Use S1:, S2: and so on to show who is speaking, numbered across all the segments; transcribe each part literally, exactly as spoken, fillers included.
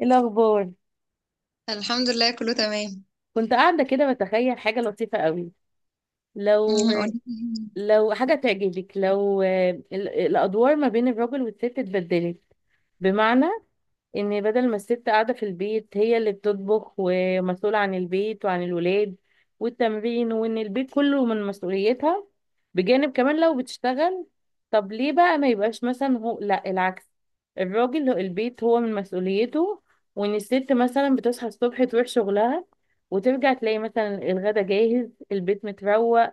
S1: ايه الاخبار؟
S2: الحمد لله، كله تمام.
S1: كنت قاعده كده بتخيل حاجه لطيفه قوي. لو
S2: أمم، قولي لي.
S1: لو حاجه تعجبك، لو ال- الادوار ما بين الراجل والست اتبدلت. بمعنى ان بدل ما الست قاعده في البيت هي اللي بتطبخ ومسؤوله عن البيت وعن الولاد والتمرين، وان البيت كله من مسؤوليتها، بجانب كمان لو بتشتغل. طب ليه بقى ما يبقاش مثلا هو، لا العكس، الراجل هو- البيت هو من مسؤوليته. وان الست مثلا بتصحى الصبح تروح شغلها، وترجع تلاقي مثلا الغدا جاهز، البيت متروق،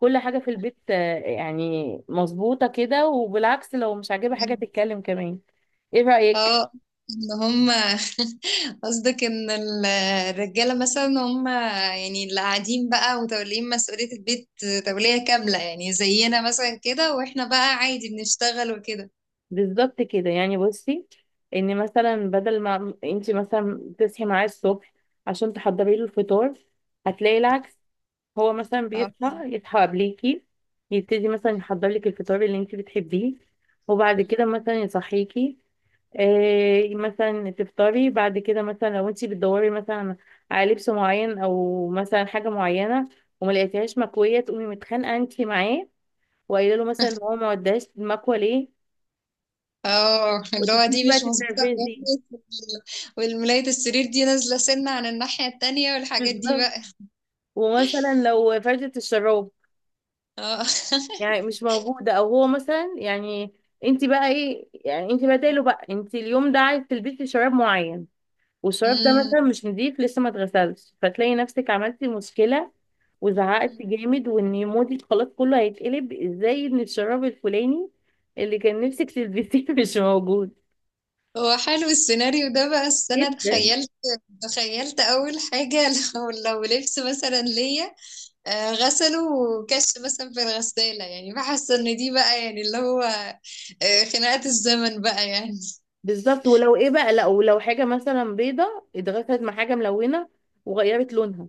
S1: كل حاجة في البيت آه، يعني مظبوطة كده. وبالعكس، لو مش عاجبها حاجة تتكلم كمان. ايه رأيك؟
S2: اه، ان هم قصدك ان ال- الرجاله مثلا، هم يعني اللي قاعدين بقى وتولين مسؤوليه البيت، توليه كامله، يعني زينا مثلا كده، واحنا بقى عادي بنشتغل وكده.
S1: بالظبط كده. يعني بصي، ان مثلا بدل ما انت مثلا تصحي معاه الصبح عشان تحضري له الفطار، هتلاقي العكس. هو مثلا
S2: اه.
S1: بيصحى يصحى قبليكي، يبتدي مثلا يحضر لك الفطار اللي انت بتحبيه، وبعد كده مثلا يصحيكي. إيه مثلا تفطري بعد كده، مثلا لو انت بتدوري مثلا على لبس معين او مثلا حاجه معينه وما لقيتيهاش مكويه، تقومي متخانقه انت معاه وقايله له مثلا ان هو ما وداش المكوه ليه.
S2: اه، اللي هو
S1: وتبتدي
S2: دي
S1: بقى
S2: مش مظبوطه
S1: تتنرفزي.
S2: كويس. والملايه السرير دي نازله سنه عن الناحيه التانية، والحاجات دي
S1: بالظبط.
S2: بقى.
S1: ومثلا لو فرشة الشراب
S2: اه.
S1: يعني مش موجودة، او هو مثلا يعني، انت بقى ايه يعني، انت بداله بقى. انت اليوم ده عايز تلبسي شراب معين، والشراب ده
S2: أمم.
S1: مثلا مش نضيف، لسه ما اتغسلش، فتلاقي نفسك عملتي مشكلة وزعقتي جامد، وان مودك خلاص كله هيتقلب، ازاي ان الشراب الفلاني اللي كان نفسك تلبسيه مش موجود.
S2: هو حلو السيناريو ده بقى، بس انا
S1: جدا.
S2: تخيلت تخيلت اول حاجه. لو لو لبس مثلا ليا آه، غسله وكش مثلا في الغساله، يعني بحس ان دي بقى يعني اللي هو آه، خناقه الزمن بقى يعني.
S1: بالظبط. ولو ايه بقى، لا، ولو حاجة مثلا بيضة اتغسلت مع حاجة ملونة وغيرت لونها،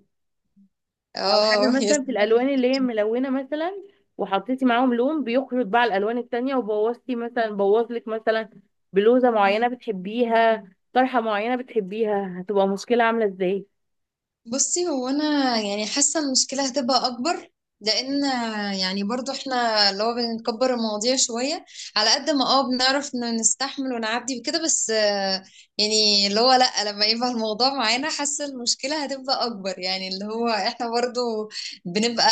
S1: او حاجه
S2: اه، يا
S1: مثلا في
S2: سلام.
S1: الالوان اللي هي ملونه مثلا، وحطيتي معاهم لون بيخرج بقى على الالوان التانية، وبوظتي مثلا، بوظلك مثلا بلوزه معينه بتحبيها، طرحه معينه بتحبيها، هتبقى مشكله عامله ازاي؟
S2: بصي، هو انا يعني حاسه المشكله هتبقى اكبر، لان يعني برضو احنا اللي هو بنكبر المواضيع شويه، على قد ما اه بنعرف إنه نستحمل ونعدي وكده، بس آه، يعني اللي هو لا، لما يبقى الموضوع معانا، حاسه المشكله هتبقى اكبر، يعني اللي هو احنا برضو بنبقى.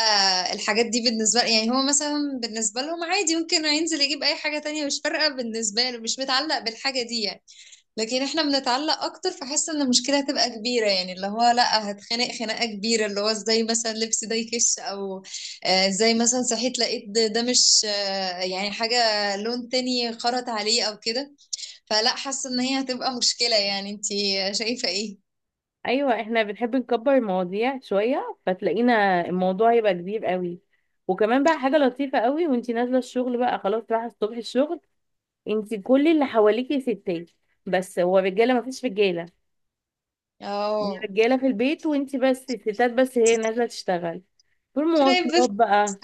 S2: الحاجات دي بالنسبه، يعني هو مثلا بالنسبه لهم عادي، ممكن ينزل يجيب اي حاجه تانية، مش فارقه بالنسبه له، مش متعلق بالحاجه دي يعني. لكن احنا بنتعلق اكتر، فحس ان المشكله هتبقى كبيره، يعني اللي هو لا، هتخنق خناقه كبيره، اللي هو ازاي مثلا لبس ده يكش، او آه، ازاي مثلا صحيت لقيت ده ده مش، آه، يعني حاجه لون تاني خرط عليه او كده. فلا، حاسه ان هي هتبقى مشكله، يعني انتي شايفه ايه؟
S1: ايوه، احنا بنحب نكبر المواضيع شويه، فتلاقينا الموضوع هيبقى كبير قوي. وكمان بقى حاجه لطيفه قوي، وانتي نازله الشغل بقى، خلاص رايحه الصبح الشغل، انتي كل اللي حواليكي ستات، بس هو رجاله، مفيش رجاله.
S2: اه.
S1: الرجاله في البيت، وانتي بس الستات، بس هي نازله تشتغل في
S2: كده يبقى
S1: المواصلات
S2: في-
S1: بقى.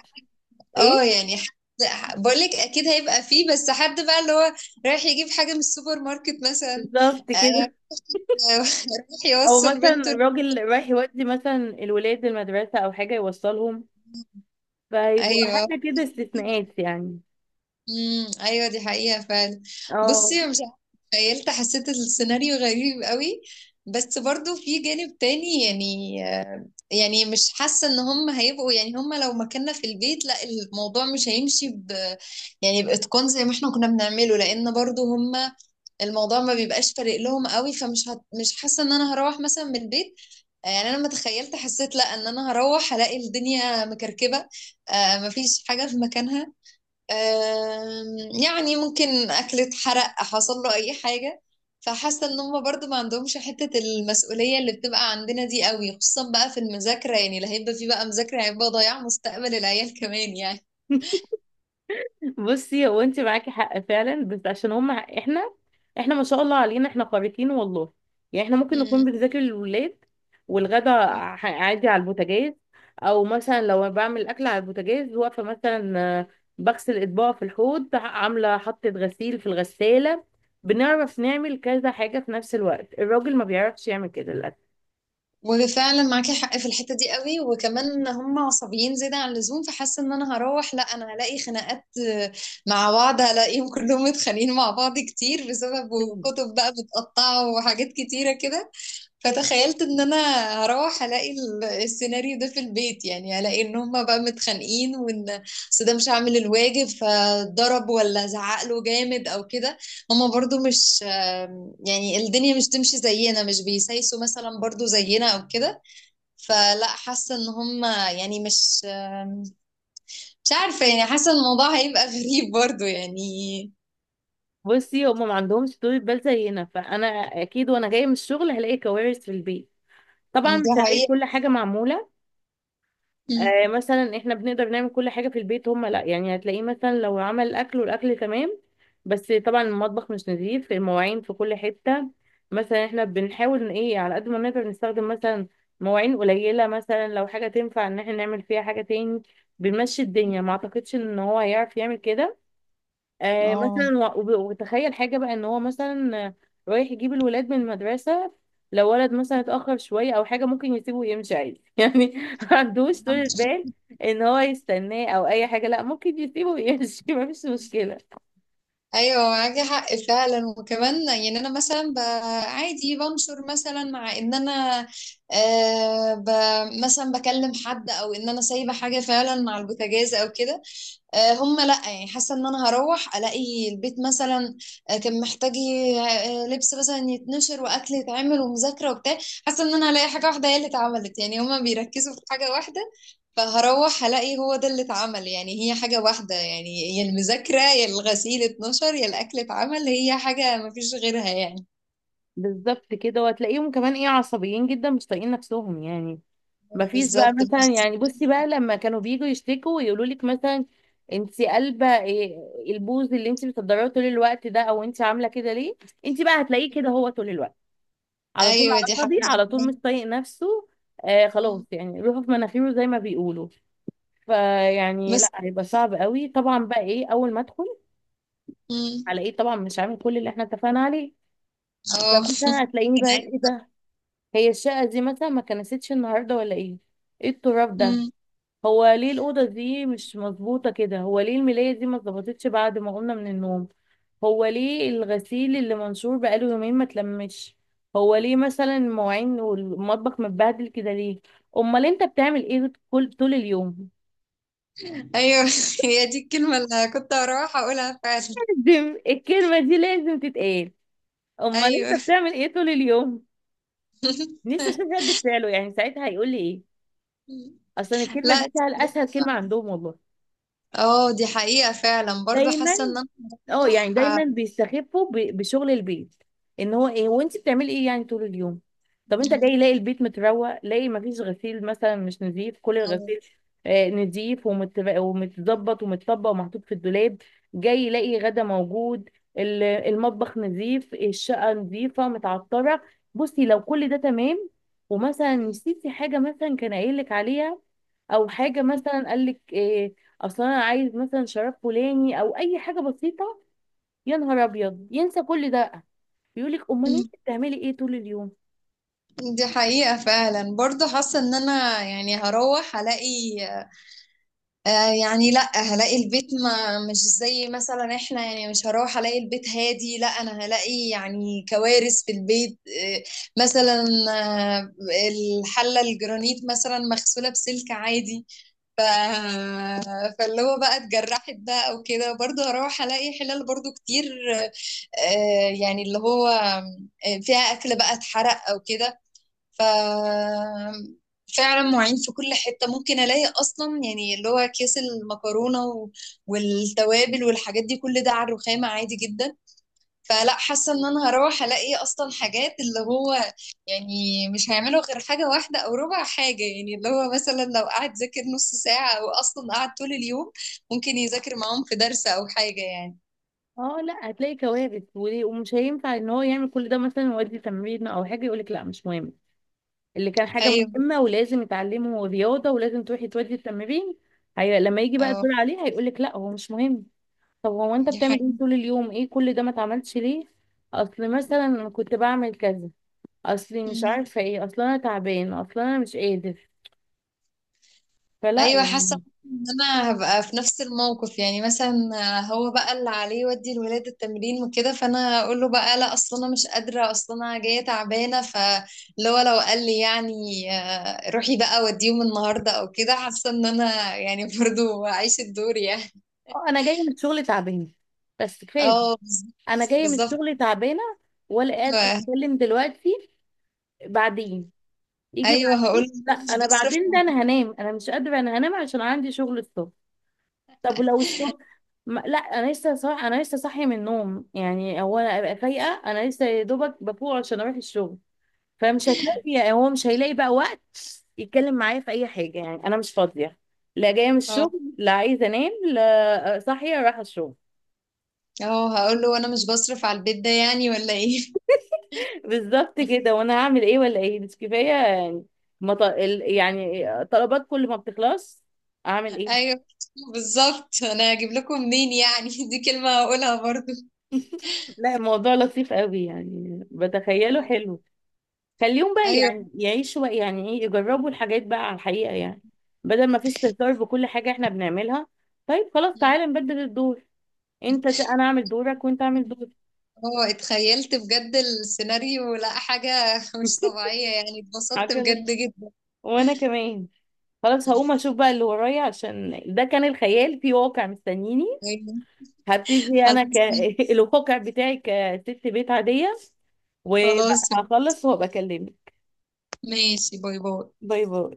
S2: اه،
S1: ايه؟
S2: يعني حد- بقولك اكيد هيبقى فيه، بس حد بقى اللي هو رايح يجيب حاجه من السوبر ماركت مثلا.
S1: بالظبط
S2: آه،
S1: كده.
S2: رايح
S1: او
S2: يوصل
S1: مثلا
S2: بنته.
S1: راجل رايح يودي مثلا الولاد المدرسه، او حاجه يوصلهم، فيبقوا
S2: ايوه.
S1: حاجه كده استثناءات يعني.
S2: امم، ايوه، دي حقيقة فعلا.
S1: اه.
S2: بصي، مش عارفة، تخيلت حسيت السيناريو غريب قوي، بس برضو في جانب تاني، يعني آه، يعني مش حاسة ان هم هيبقوا، يعني هم لو مكاننا في البيت، لا، الموضوع مش هيمشي ب يعني بإتقان زي ما احنا كنا بنعمله، لان برضو هم الموضوع ما بيبقاش فارق لهم قوي، فمش هت مش حاسة ان انا هروح مثلا من البيت. آه، يعني انا لما تخيلت حسيت لا، ان انا هروح هلاقي الدنيا مكركبة، آه، مفيش حاجة في مكانها، آم، يعني ممكن أكل اتحرق، حصل له أي حاجة. فحاسة إن هما برضو ما عندهمش حتة المسؤولية اللي بتبقى عندنا دي قوي، خصوصا بقى في المذاكرة، يعني اللي هيبقى فيه بقى مذاكرة، هيبقى ضياع مستقبل العيال كمان يعني.
S1: بصي، هو انت معاكي حق فعلا، بس عشان هم احنا احنا ما شاء الله علينا، احنا خارقين والله. يعني احنا ممكن نكون
S2: مم.
S1: بنذاكر للولاد، والغدا ع- عادي على البوتاجاز. او مثلا لو بعمل اكل على البوتاجاز، واقفه مثلا، آه، بغسل اطباق في الحوض، عامله حطة غسيل في الغسالة، بنعرف نعمل كذا حاجة في نفس الوقت. الراجل ما بيعرفش يعمل كده للأسف.
S2: وفعلا معاكي حق في الحتة دي قوي، وكمان هم عصبيين زيادة عن اللزوم، فحاسة ان انا هروح لا، انا هلاقي خناقات آه، مع بعض، هلاقيهم كلهم متخانقين مع بعض كتير، بسبب
S1: مم.
S2: كتب بقى متقطعة وحاجات كتيرة كده. فتخيلت ان انا هروح الاقي ال- السيناريو ده في البيت، يعني الاقي ان هما بقى متخانقين، وان أصل ده مش عامل الواجب، فضرب ولا زعق له جامد او كده. هما برضو مش آم، يعني الدنيا مش تمشي زينا، مش بيسايسوا مثلا برضو زينا او كده. فلا، حاسه ان هما يعني مش آم، مش عارفه، يعني حاسه إن الموضوع هيبقى غريب برضو يعني.
S1: بصي، هم ما عندهمش طول بال زينا، فانا اكيد وانا جايه من الشغل هلاقي كوارث في البيت. طبعا مش
S2: دي
S1: هلاقي
S2: حقيقه.
S1: كل حاجة معمولة. آه مثلا احنا بنقدر نعمل كل حاجة في البيت، هما لا. يعني هتلاقيه مثلا لو عمل الأكل والأكل تمام، بس طبعا المطبخ مش نظيف، المواعين في كل حتة. مثلا احنا بنحاول ان ايه، على قد ما نقدر نستخدم مثلا مواعين قليلة، مثلا لو حاجة تنفع ان احنا نعمل فيها حاجة تاني، بنمشي الدنيا. ما اعتقدش ان هو هيعرف يعمل كده. آه
S2: اه،
S1: مثلا و- وب- وتخيل حاجة بقى، ان هو مثلا آه، رايح يجيب الولاد من المدرسة، لو ولد مثلا اتأخر شوية او حاجة ممكن يسيبه ويمشي عادي يعني. ما عندوش طولة بال ان هو يستناه او اي حاجة، لا، ممكن يسيبه ويمشي ما فيش مشكلة.
S2: ايوه معاكي حق فعلا، وكمان يعني انا مثلا ب- عادي بنشر مثلا، مع ان انا آه ب مثلا بكلم حد، او ان انا سايبه حاجه فعلا مع البوتاجاز او كده. آه، هم لا، يعني حاسه ان انا هروح الاقي البيت مثلا آه، كان محتاج ي- آه، لبس مثلا يتنشر، واكل يتعمل، ومذاكره وبتاع. حاسه ان انا هلاقي حاجه واحده هي اللي اتعملت، يعني هما بيركزوا في حاجه واحده، فهروح هلاقي هو ده اللي اتعمل. يعني هي حاجه واحده، يعني يا المذاكره يا الغسيل اتنشر يا الاكل اتعمل، هي حاجه مفيش غيرها يعني.
S1: بالظبط كده. وهتلاقيهم كمان ايه، عصبيين جدا، مش طايقين نفسهم يعني. مفيش بقى
S2: بالظبط.
S1: مثلا،
S2: بس-
S1: يعني بصي بقى، لما كانوا بييجوا يشتكوا ويقولوا لك مثلا انت قلبه إيه، البوز اللي انت بتقدريه طول الوقت ده، او انت عامله كده ليه، انت بقى هتلاقيه كده هو طول الوقت، على طول
S2: ايوه،
S1: على
S2: دي
S1: فاضي،
S2: حاجه.
S1: على طول مش طايق نفسه. آه خلاص، يعني روحه في مناخيره زي ما بيقولوا. فيعني لا،
S2: بس.
S1: هيبقى صعب قوي طبعا. بقى ايه اول ما ادخل
S2: مم.
S1: على ايه؟ طبعا مش عامل كل اللي احنا اتفقنا عليه.
S2: اه.
S1: فمثلا هتلاقيني
S2: كان-
S1: بقى
S2: عادي.
S1: ايه ده، هي الشقه دي مثلا ما كنستش النهارده ولا ايه؟ ايه التراب ده؟
S2: مم.
S1: هو ليه الأوضة دي مش مظبوطة كده؟ هو ليه الملاية دي ما اتظبطتش بعد ما قمنا من النوم؟ هو ليه الغسيل اللي منشور بقاله يومين ما اتلمش؟ هو ليه مثلا المواعين والمطبخ متبهدل كده ليه؟ امال انت بتعمل ايه كل طول اليوم؟
S2: ايوه. هي دي الكلمه اللي كنت هروح اقولها فعلا.
S1: لازم الكلمة دي لازم تتقال. امال
S2: ايوه.
S1: انت بتعمل ايه طول اليوم؟ نفسي اشوف رد فعله، يعني ساعتها هيقول لي ايه؟ اصلا الكلمة
S2: لا،
S1: دي سهل اسهل كلمة
S2: الصراحة-
S1: عندهم والله.
S2: اه، دي حقيقه فعلا، برضو
S1: دايما.
S2: حاسه ان انا
S1: اه يعني
S2: بروح آه،
S1: دايما بيستخفوا ب- بشغل البيت، ان هو ايه وانت بتعملي ايه يعني طول اليوم؟ طب انت جاي لاقي البيت متروق، لاقي مفيش غسيل مثلا مش نظيف، كل الغسيل آه، نظيف ومت- ومتظبط ومتطبق ومحطوط في الدولاب، جاي لاقي غدا موجود، ال- المطبخ نظيف، الشقة نظيفة متعطرة. بصي لو كل ده تمام، ومثلا نسيتي حاجة مثلا كان قايل لك عليها، او حاجة مثلا قال لك إيه، اصلا انا عايز مثلا شراب فلاني، او اي حاجة بسيطة، يا نهار ابيض ينسى كل ده، بيقول لك امال انت بتعملي ايه طول اليوم؟
S2: دي حقيقه فعلا، برضو حاسه ان انا يعني هروح الاقي آه، يعني لا، هلاقي البيت ما مش زي مثلا احنا، يعني مش هروح الاقي البيت هادي، لا، انا هلاقي يعني كوارث في البيت. آه، مثلا آه، الحلة الجرانيت مثلا مغسولة بسلك عادي، ف... فاللي هو بقى اتجرحت بقى او كده. برضه هروح الاقي حلال برضه كتير، آه، يعني اللي هو آه، فيها اكل بقى اتحرق او كده. ف فعلا مواعين في كل حتة، ممكن ألاقي أصلا يعني اللي هو أكياس المكرونة و- والتوابل والحاجات دي، كل ده على الرخامة عادي جدا. فلا، حاسة إن أنا هروح ألاقي أصلا حاجات اللي هو، يعني مش هيعملوا غير حاجة واحدة أو ربع حاجة. يعني اللي هو مثلا لو قعد ذاكر نص ساعة أو أصلا قعد طول اليوم، ممكن يذاكر معاهم في درس أو حاجة يعني.
S1: اه، لا هتلاقي كوارث، وليه- ومش هينفع ان هو يعمل كل ده، مثلا يودي تمرين او حاجه يقول لك لا مش مهم، اللي كان حاجه
S2: أيوه.
S1: مهمه ولازم يتعلمه، رياضه ولازم تروحي تودي التمرين. هي لما يجي بقى
S2: أه،
S1: الدور عليه هيقول لك لا هو مش مهم. طب هو انت
S2: دي
S1: بتعمل ايه
S2: حقيقة.
S1: طول اليوم؟ ايه كل ده ما اتعملش ليه؟ اصل مثلا أنا كنت بعمل كذا، اصلي مش عارفه ايه، اصل انا تعبان، اصل انا مش قادر، فلا
S2: ايوه، حاسه
S1: يعني.
S2: ان انا هبقى في نفس الموقف، يعني مثلا هو بقى اللي عليه يودي الولاد التمرين وكده، فانا اقول له بقى لا، اصل انا مش قادره، اصل انا جايه تعبانه. فاللي هو لو قال لي يعني آه، روحي بقى وديهم النهارده او كده، حاسه ان انا يعني برضو اعيش الدور يعني.
S1: اه انا جايه من الشغل تعبانه، بس كفايه.
S2: اه،
S1: انا جايه من
S2: بالظبط.
S1: الشغل تعبانه، ولا قادره
S2: بالظبط.
S1: اتكلم دلوقتي. بعدين يجي
S2: ايوه، هقول له
S1: بعدين، لا
S2: مش
S1: انا
S2: بصرف.
S1: بعدين ده انا هنام، انا مش قادره، انا هنام عشان عندي شغل الصبح. طب ولو الصبح، ما... لا انا لسه صاح... انا لسه صاحيه من النوم، يعني هو انا ابقى فايقه، انا لسه يا دوبك بفوق عشان اروح الشغل. فمش هتلاقي يعني، هو مش هيلاقي بقى وقت يتكلم معايا في اي حاجه، يعني انا مش فاضيه، لا جايه من
S2: اه.
S1: الشغل، لا عايزه انام، لا آه، صاحيه رايحه الشغل.
S2: اه، هقول له انا مش بصرف على البيت ده يعني، ولا ايه؟
S1: بالظبط كده. وانا هعمل ايه ولا ايه؟ مش كفايه يعني؟ ما ط- ال- يعني طلبات كل ما بتخلص اعمل ايه؟
S2: ايوه، بالظبط. انا هجيب لكم منين يعني؟ دي كلمة هقولها برضو.
S1: لا الموضوع لطيف قوي، يعني بتخيله
S2: آه،
S1: حلو. خليهم بقى
S2: ايوه.
S1: يعني يعيشوا بقى، يعني ايه، يجربوا الحاجات بقى على الحقيقه يعني، بدل ما في استهتار بكل حاجه احنا بنعملها. طيب خلاص،
S2: مم.
S1: تعالى نبدل الدور، انت ت- انا اعمل دورك وانت اعمل دورك.
S2: هو اتخيلت بجد السيناريو، لا، حاجة مش طبيعية يعني، اتبسطت
S1: حاجه لط-
S2: بجد جدا.
S1: وانا كمان خلاص هقوم اشوف بقى اللي ورايا، عشان ده كان الخيال في واقع مستنيني.
S2: أيوة.
S1: هبتدي انا ك
S2: خلاص.
S1: الواقع بتاعي كست بيت عاديه، وبقى
S2: خلاص،
S1: هخلص وهبقى اكلمك.
S2: ماشي. باي باي.
S1: باي باي.